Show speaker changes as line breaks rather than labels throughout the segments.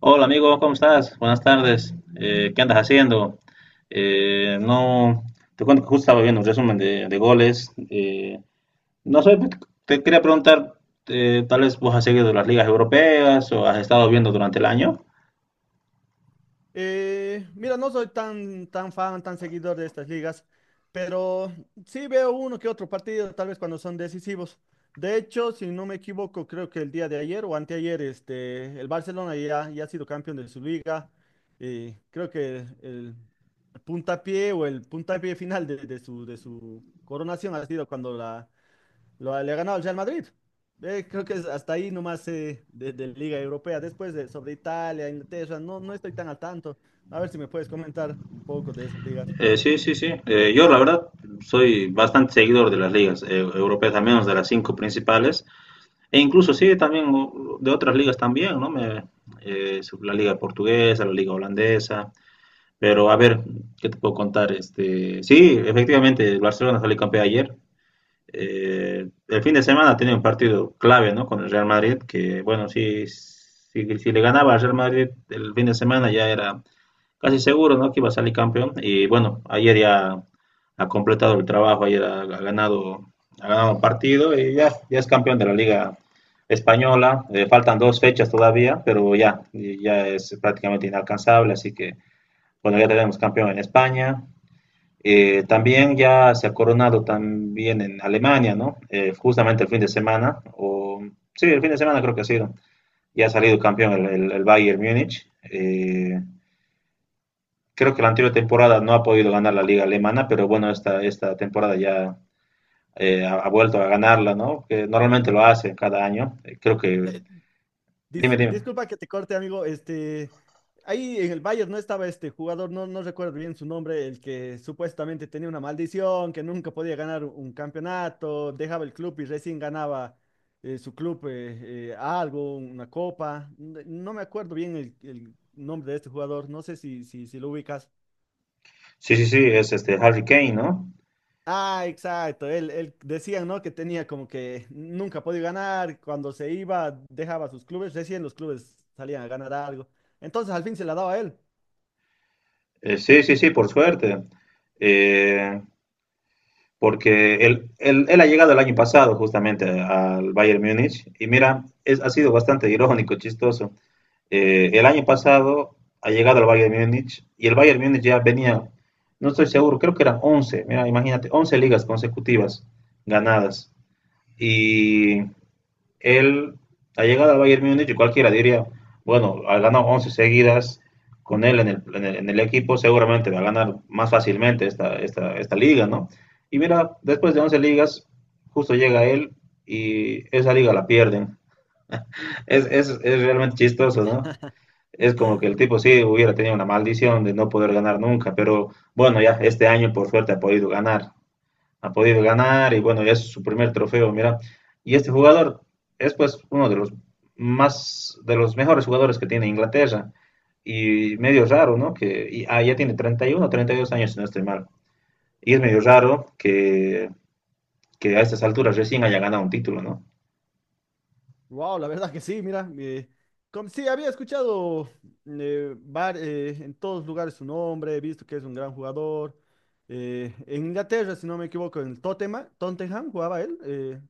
Hola amigo, ¿cómo estás? Buenas tardes. ¿Qué andas haciendo? No, te cuento que justo estaba viendo un resumen de goles. No sé, te quería preguntar, tal vez vos has seguido las ligas europeas o has estado viendo durante el año.
Mira, no soy tan fan, tan seguidor de estas ligas, pero sí veo uno que otro partido, tal vez cuando son decisivos. De hecho, si no me equivoco, creo que el día de ayer o anteayer, este, el Barcelona ya ha sido campeón de su liga. Y creo que el puntapié o el puntapié final de su coronación ha sido cuando le ha ganado al Real Madrid. Creo que es hasta ahí nomás de Liga Europea. Después sobre Italia, Inglaterra, no, no estoy tan al tanto. A ver si me puedes comentar un poco de esas ligas.
Sí. Yo la verdad soy bastante seguidor de las ligas europeas, al menos de las 5 principales, e incluso sí, también de otras ligas también, ¿no? La liga portuguesa, la liga holandesa. Pero a ver, ¿qué te puedo contar? Este, sí, efectivamente, el Barcelona salió campeón ayer. El fin de semana tiene un partido clave, ¿no? Con el Real Madrid, que bueno, si le ganaba al Real Madrid el fin de semana ya era casi seguro, ¿no? Que iba a salir campeón. Y bueno, ayer ya ha completado el trabajo, ayer ha ganado, ha ganado un partido y ya es campeón de la Liga Española. Faltan 2 fechas todavía, pero ya es prácticamente inalcanzable, así que bueno, ya tenemos campeón en España. También ya se ha coronado también en Alemania, ¿no? Justamente el fin de semana, o sí, el fin de semana creo que ha sido. Ya ha salido campeón el Bayern Múnich. Creo que la anterior temporada no ha podido ganar la liga alemana, pero bueno, esta temporada ya ha vuelto a ganarla, ¿no? Que normalmente lo hace cada año. Creo que... Dime,
Dis-
dime.
disculpa que te corte, amigo. Este, ahí en el Bayern no estaba este jugador, no, no recuerdo bien su nombre, el que supuestamente tenía una maldición, que nunca podía ganar un campeonato, dejaba el club y recién ganaba su club algo, una copa. No me acuerdo bien el nombre de este jugador, no sé si, si, si lo ubicas.
Sí, sí, sí, es este Harry Kane, ¿no?
Ah, exacto. Él decían, ¿no? Que tenía como que nunca podía ganar. Cuando se iba, dejaba sus clubes. Recién los clubes salían a ganar algo. Entonces al fin se la daba a él.
Sí, sí, sí, por suerte. Eh, Porque él ha llegado el año pasado justamente al Bayern Múnich y mira, ha sido bastante irónico, chistoso. El año pasado ha llegado al Bayern Múnich y el Bayern Múnich ya venía, no estoy seguro, creo que eran 11 mira, imagínate, 11 ligas consecutivas ganadas. Y él, ha llegado al Bayern Múnich, y cualquiera diría, bueno, ha ganado 11 seguidas con él en el equipo, seguramente va a ganar más fácilmente esta liga, ¿no? Y mira, después de 11 ligas, justo llega él y esa liga la pierden. Es realmente chistoso, ¿no? Es como que el tipo sí hubiera tenido una maldición de no poder ganar nunca, pero bueno, ya este año por suerte ha podido ganar y bueno, ya es su primer trofeo, mira. Y este jugador es pues uno de los más, de los mejores jugadores que tiene Inglaterra y medio raro, ¿no? Ya tiene treinta y uno treinta y dos años, si no estoy mal. Y es medio raro que a estas alturas recién haya ganado un título, ¿no?
Wow, la verdad que sí, mira. Sí, había escuchado en todos lugares su nombre, he visto que es un gran jugador. En Inglaterra, si no me equivoco, en el Tottenham, Tottenham jugaba él.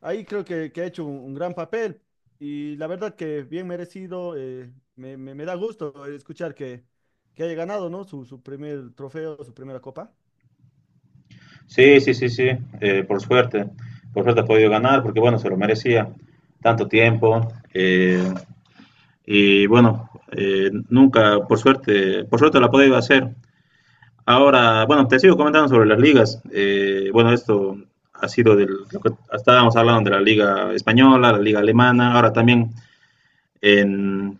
Ahí creo que ha hecho un gran papel y la verdad que bien merecido, me da gusto escuchar que haya ganado, ¿no? Su primer trofeo, su primera copa.
Sí, sí, sí, sí, por suerte. Por suerte ha podido ganar porque, bueno, se lo merecía tanto tiempo. eh, y bueno, nunca, por suerte lo ha podido hacer. Ahora, bueno, te sigo comentando sobre las ligas. Bueno, esto ha sido del, lo que estábamos hablando de la liga española, la liga alemana, ahora también en,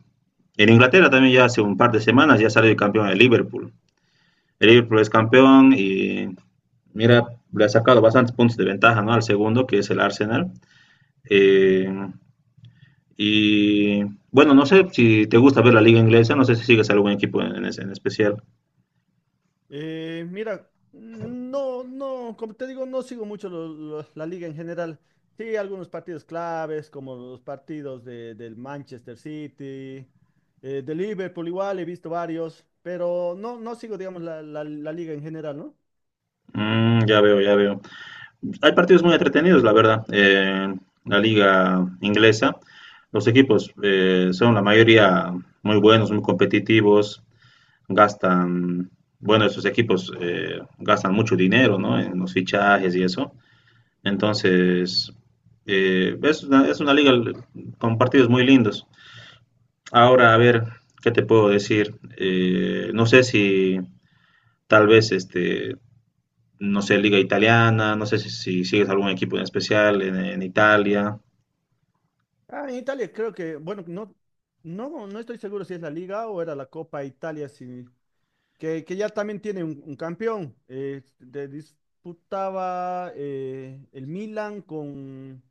en Inglaterra también ya hace un par de semanas ya salió el campeón de Liverpool. El Liverpool es campeón y mira, le ha sacado bastantes puntos de ventaja, ¿no? Al segundo, que es el Arsenal. Eh, y bueno, no sé si te gusta ver la liga inglesa, no sé si sigues algún equipo en especial.
Mira, no, no, como te digo, no sigo mucho la liga en general. Sí, algunos partidos claves, como los partidos del Manchester City, de Liverpool igual, he visto varios, pero no, no sigo, digamos, la liga en general, ¿no?
Mm, ya veo, ya veo. Hay partidos muy entretenidos, la verdad. La liga inglesa, los equipos son la mayoría muy buenos, muy competitivos, gastan, bueno, esos equipos gastan mucho dinero, ¿no? En los fichajes y eso. Entonces, es una liga con partidos muy lindos. Ahora, a ver, ¿qué te puedo decir? No sé si tal vez este no sé, liga italiana, no sé si sigues algún equipo en especial en Italia.
Ah, en Italia creo que, bueno, no, no, no estoy seguro si es la Liga o era la Copa Italia, sí. Que ya también tiene un campeón. Disputaba el Milan con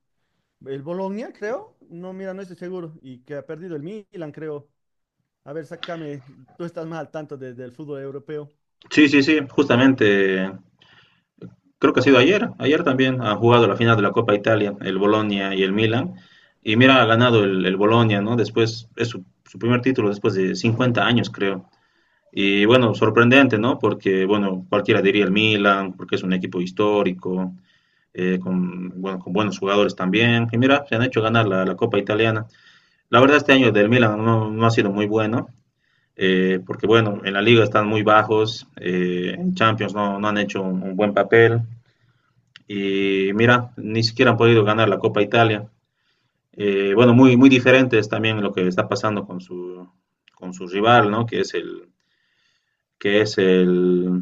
el Bologna, creo. No, mira, no estoy seguro. Y que ha perdido el Milan, creo. A ver, sácame, tú estás más al tanto del fútbol europeo.
Sí, sí, sí, justamente, creo que ha sido ayer, ayer también ha jugado la final de la Copa Italia, el Bolonia y el Milan. Y mira, ha ganado el Bolonia, ¿no? Después, es su primer título después de 50 años, creo. Y bueno, sorprendente, ¿no? Porque, bueno, cualquiera diría el Milan, porque es un equipo histórico, con, bueno, con buenos jugadores también. Y mira, se han hecho ganar la Copa Italiana. La verdad, este año del Milan no ha sido muy bueno. Porque bueno, en la liga están muy bajos, en Champions no han hecho un buen papel y mira, ni siquiera han podido ganar la Copa Italia. Bueno, muy diferente es también lo que está pasando con su rival, ¿no? Que es el,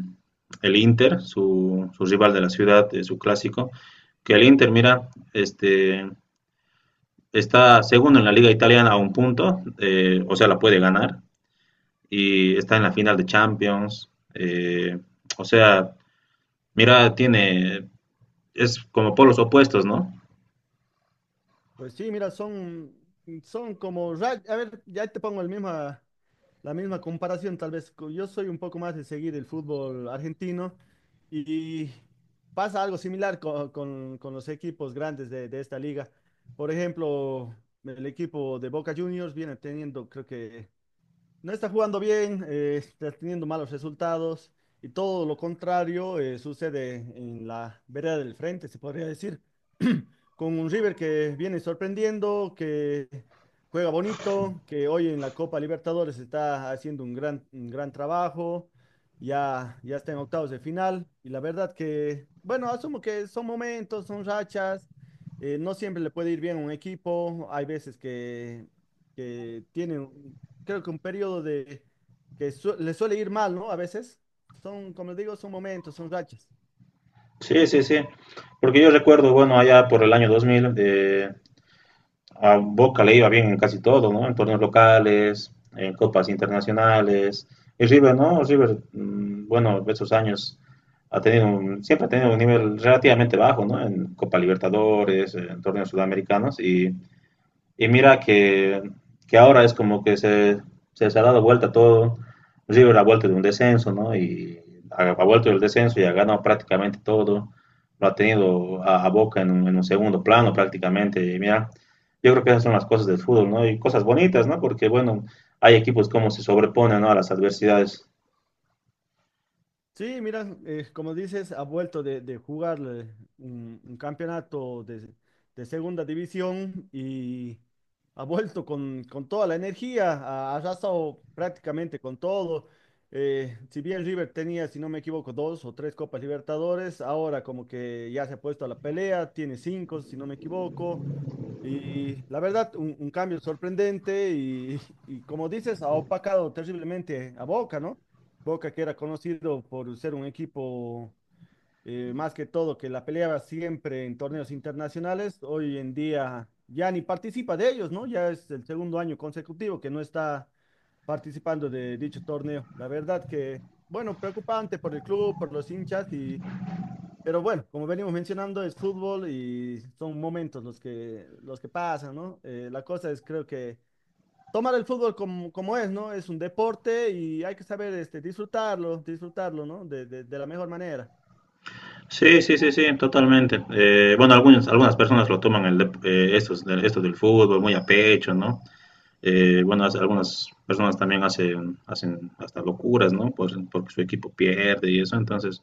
el Inter, su rival de la ciudad, su clásico. Que el Inter, mira, este, está segundo en la liga italiana a un punto, o sea, la puede ganar, y está en la final de Champions. O sea, mira, tiene, es como polos opuestos, ¿no?
Pues sí, mira, son como, a ver, ya te pongo la misma comparación tal vez. Yo soy un poco más de seguir el fútbol argentino y pasa algo similar con los equipos grandes de esta liga. Por ejemplo, el equipo de Boca Juniors viene teniendo, creo que no está jugando bien, está teniendo malos resultados y todo lo contrario sucede en la vereda del frente, se podría decir, con un River que viene sorprendiendo, que juega bonito, que hoy en la Copa Libertadores está haciendo un, gran, un gran trabajo, ya está en octavos de final y la verdad que, bueno, asumo que son momentos, son rachas, no siempre le puede ir bien a un equipo, hay veces que tienen creo que un periodo de que le suele ir mal, ¿no? A veces son, como digo, son momentos, son rachas.
Sí, sí, sí. Porque yo recuerdo, bueno, allá por el año 2000, a Boca le iba bien en casi todo, ¿no? En torneos locales, en copas internacionales. Y River, ¿no? River, mm, bueno, esos años siempre ha tenido un nivel relativamente bajo, ¿no? En Copa Libertadores, en torneos sudamericanos y mira que ahora es como que se ha dado vuelta todo. El River ha vuelto de un descenso, ¿no? Y ha vuelto del descenso y ha ganado prácticamente todo. Lo ha tenido a Boca en un segundo plano prácticamente. Y mira, yo creo que esas son las cosas del fútbol, ¿no? Y cosas bonitas, ¿no? Porque, bueno, hay equipos como se sobreponen, ¿no? A las adversidades.
Sí, mira, como dices, ha vuelto de jugar un campeonato de segunda división y ha vuelto con toda la energía, ha arrasado prácticamente con todo. Si bien River tenía, si no me equivoco, dos o tres Copas Libertadores, ahora como que ya se ha puesto a la pelea, tiene cinco, si no me equivoco. Y la verdad, un cambio sorprendente y, y como dices, ha opacado terriblemente a Boca, ¿no? Boca que era conocido por ser un equipo más que todo que la peleaba siempre en torneos internacionales, hoy en día ya ni participa de ellos, ¿no? Ya es el segundo año consecutivo que no está participando de dicho torneo. La verdad que, bueno, preocupante por el club, por los hinchas y pero bueno, como venimos mencionando, es fútbol y son momentos los que pasan, ¿no? La cosa es, creo que tomar el fútbol como, como es, ¿no? Es un deporte y hay que saber este, disfrutarlo, disfrutarlo, ¿no? De la mejor manera.
Sí, sí, sí, sí, totalmente. Bueno, algunas personas lo toman estos, estos del fútbol muy a pecho, ¿no? Bueno, algunas personas también hacen, hacen hasta locuras, ¿no? Porque su equipo pierde y eso. Entonces,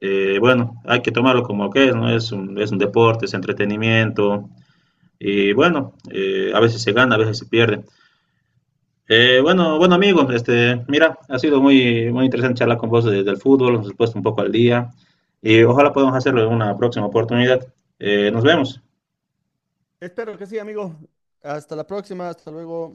bueno, hay que tomarlo como que es, ¿no? Es es un deporte, es entretenimiento. Y bueno, a veces se gana, a veces se pierde. Bueno, bueno, amigos este, mira, ha sido muy, muy interesante charlar con vos del fútbol, nos has puesto un poco al día. Y ojalá podamos hacerlo en una próxima oportunidad. Nos vemos.
Espero que sí, amigo. Hasta la próxima, hasta luego.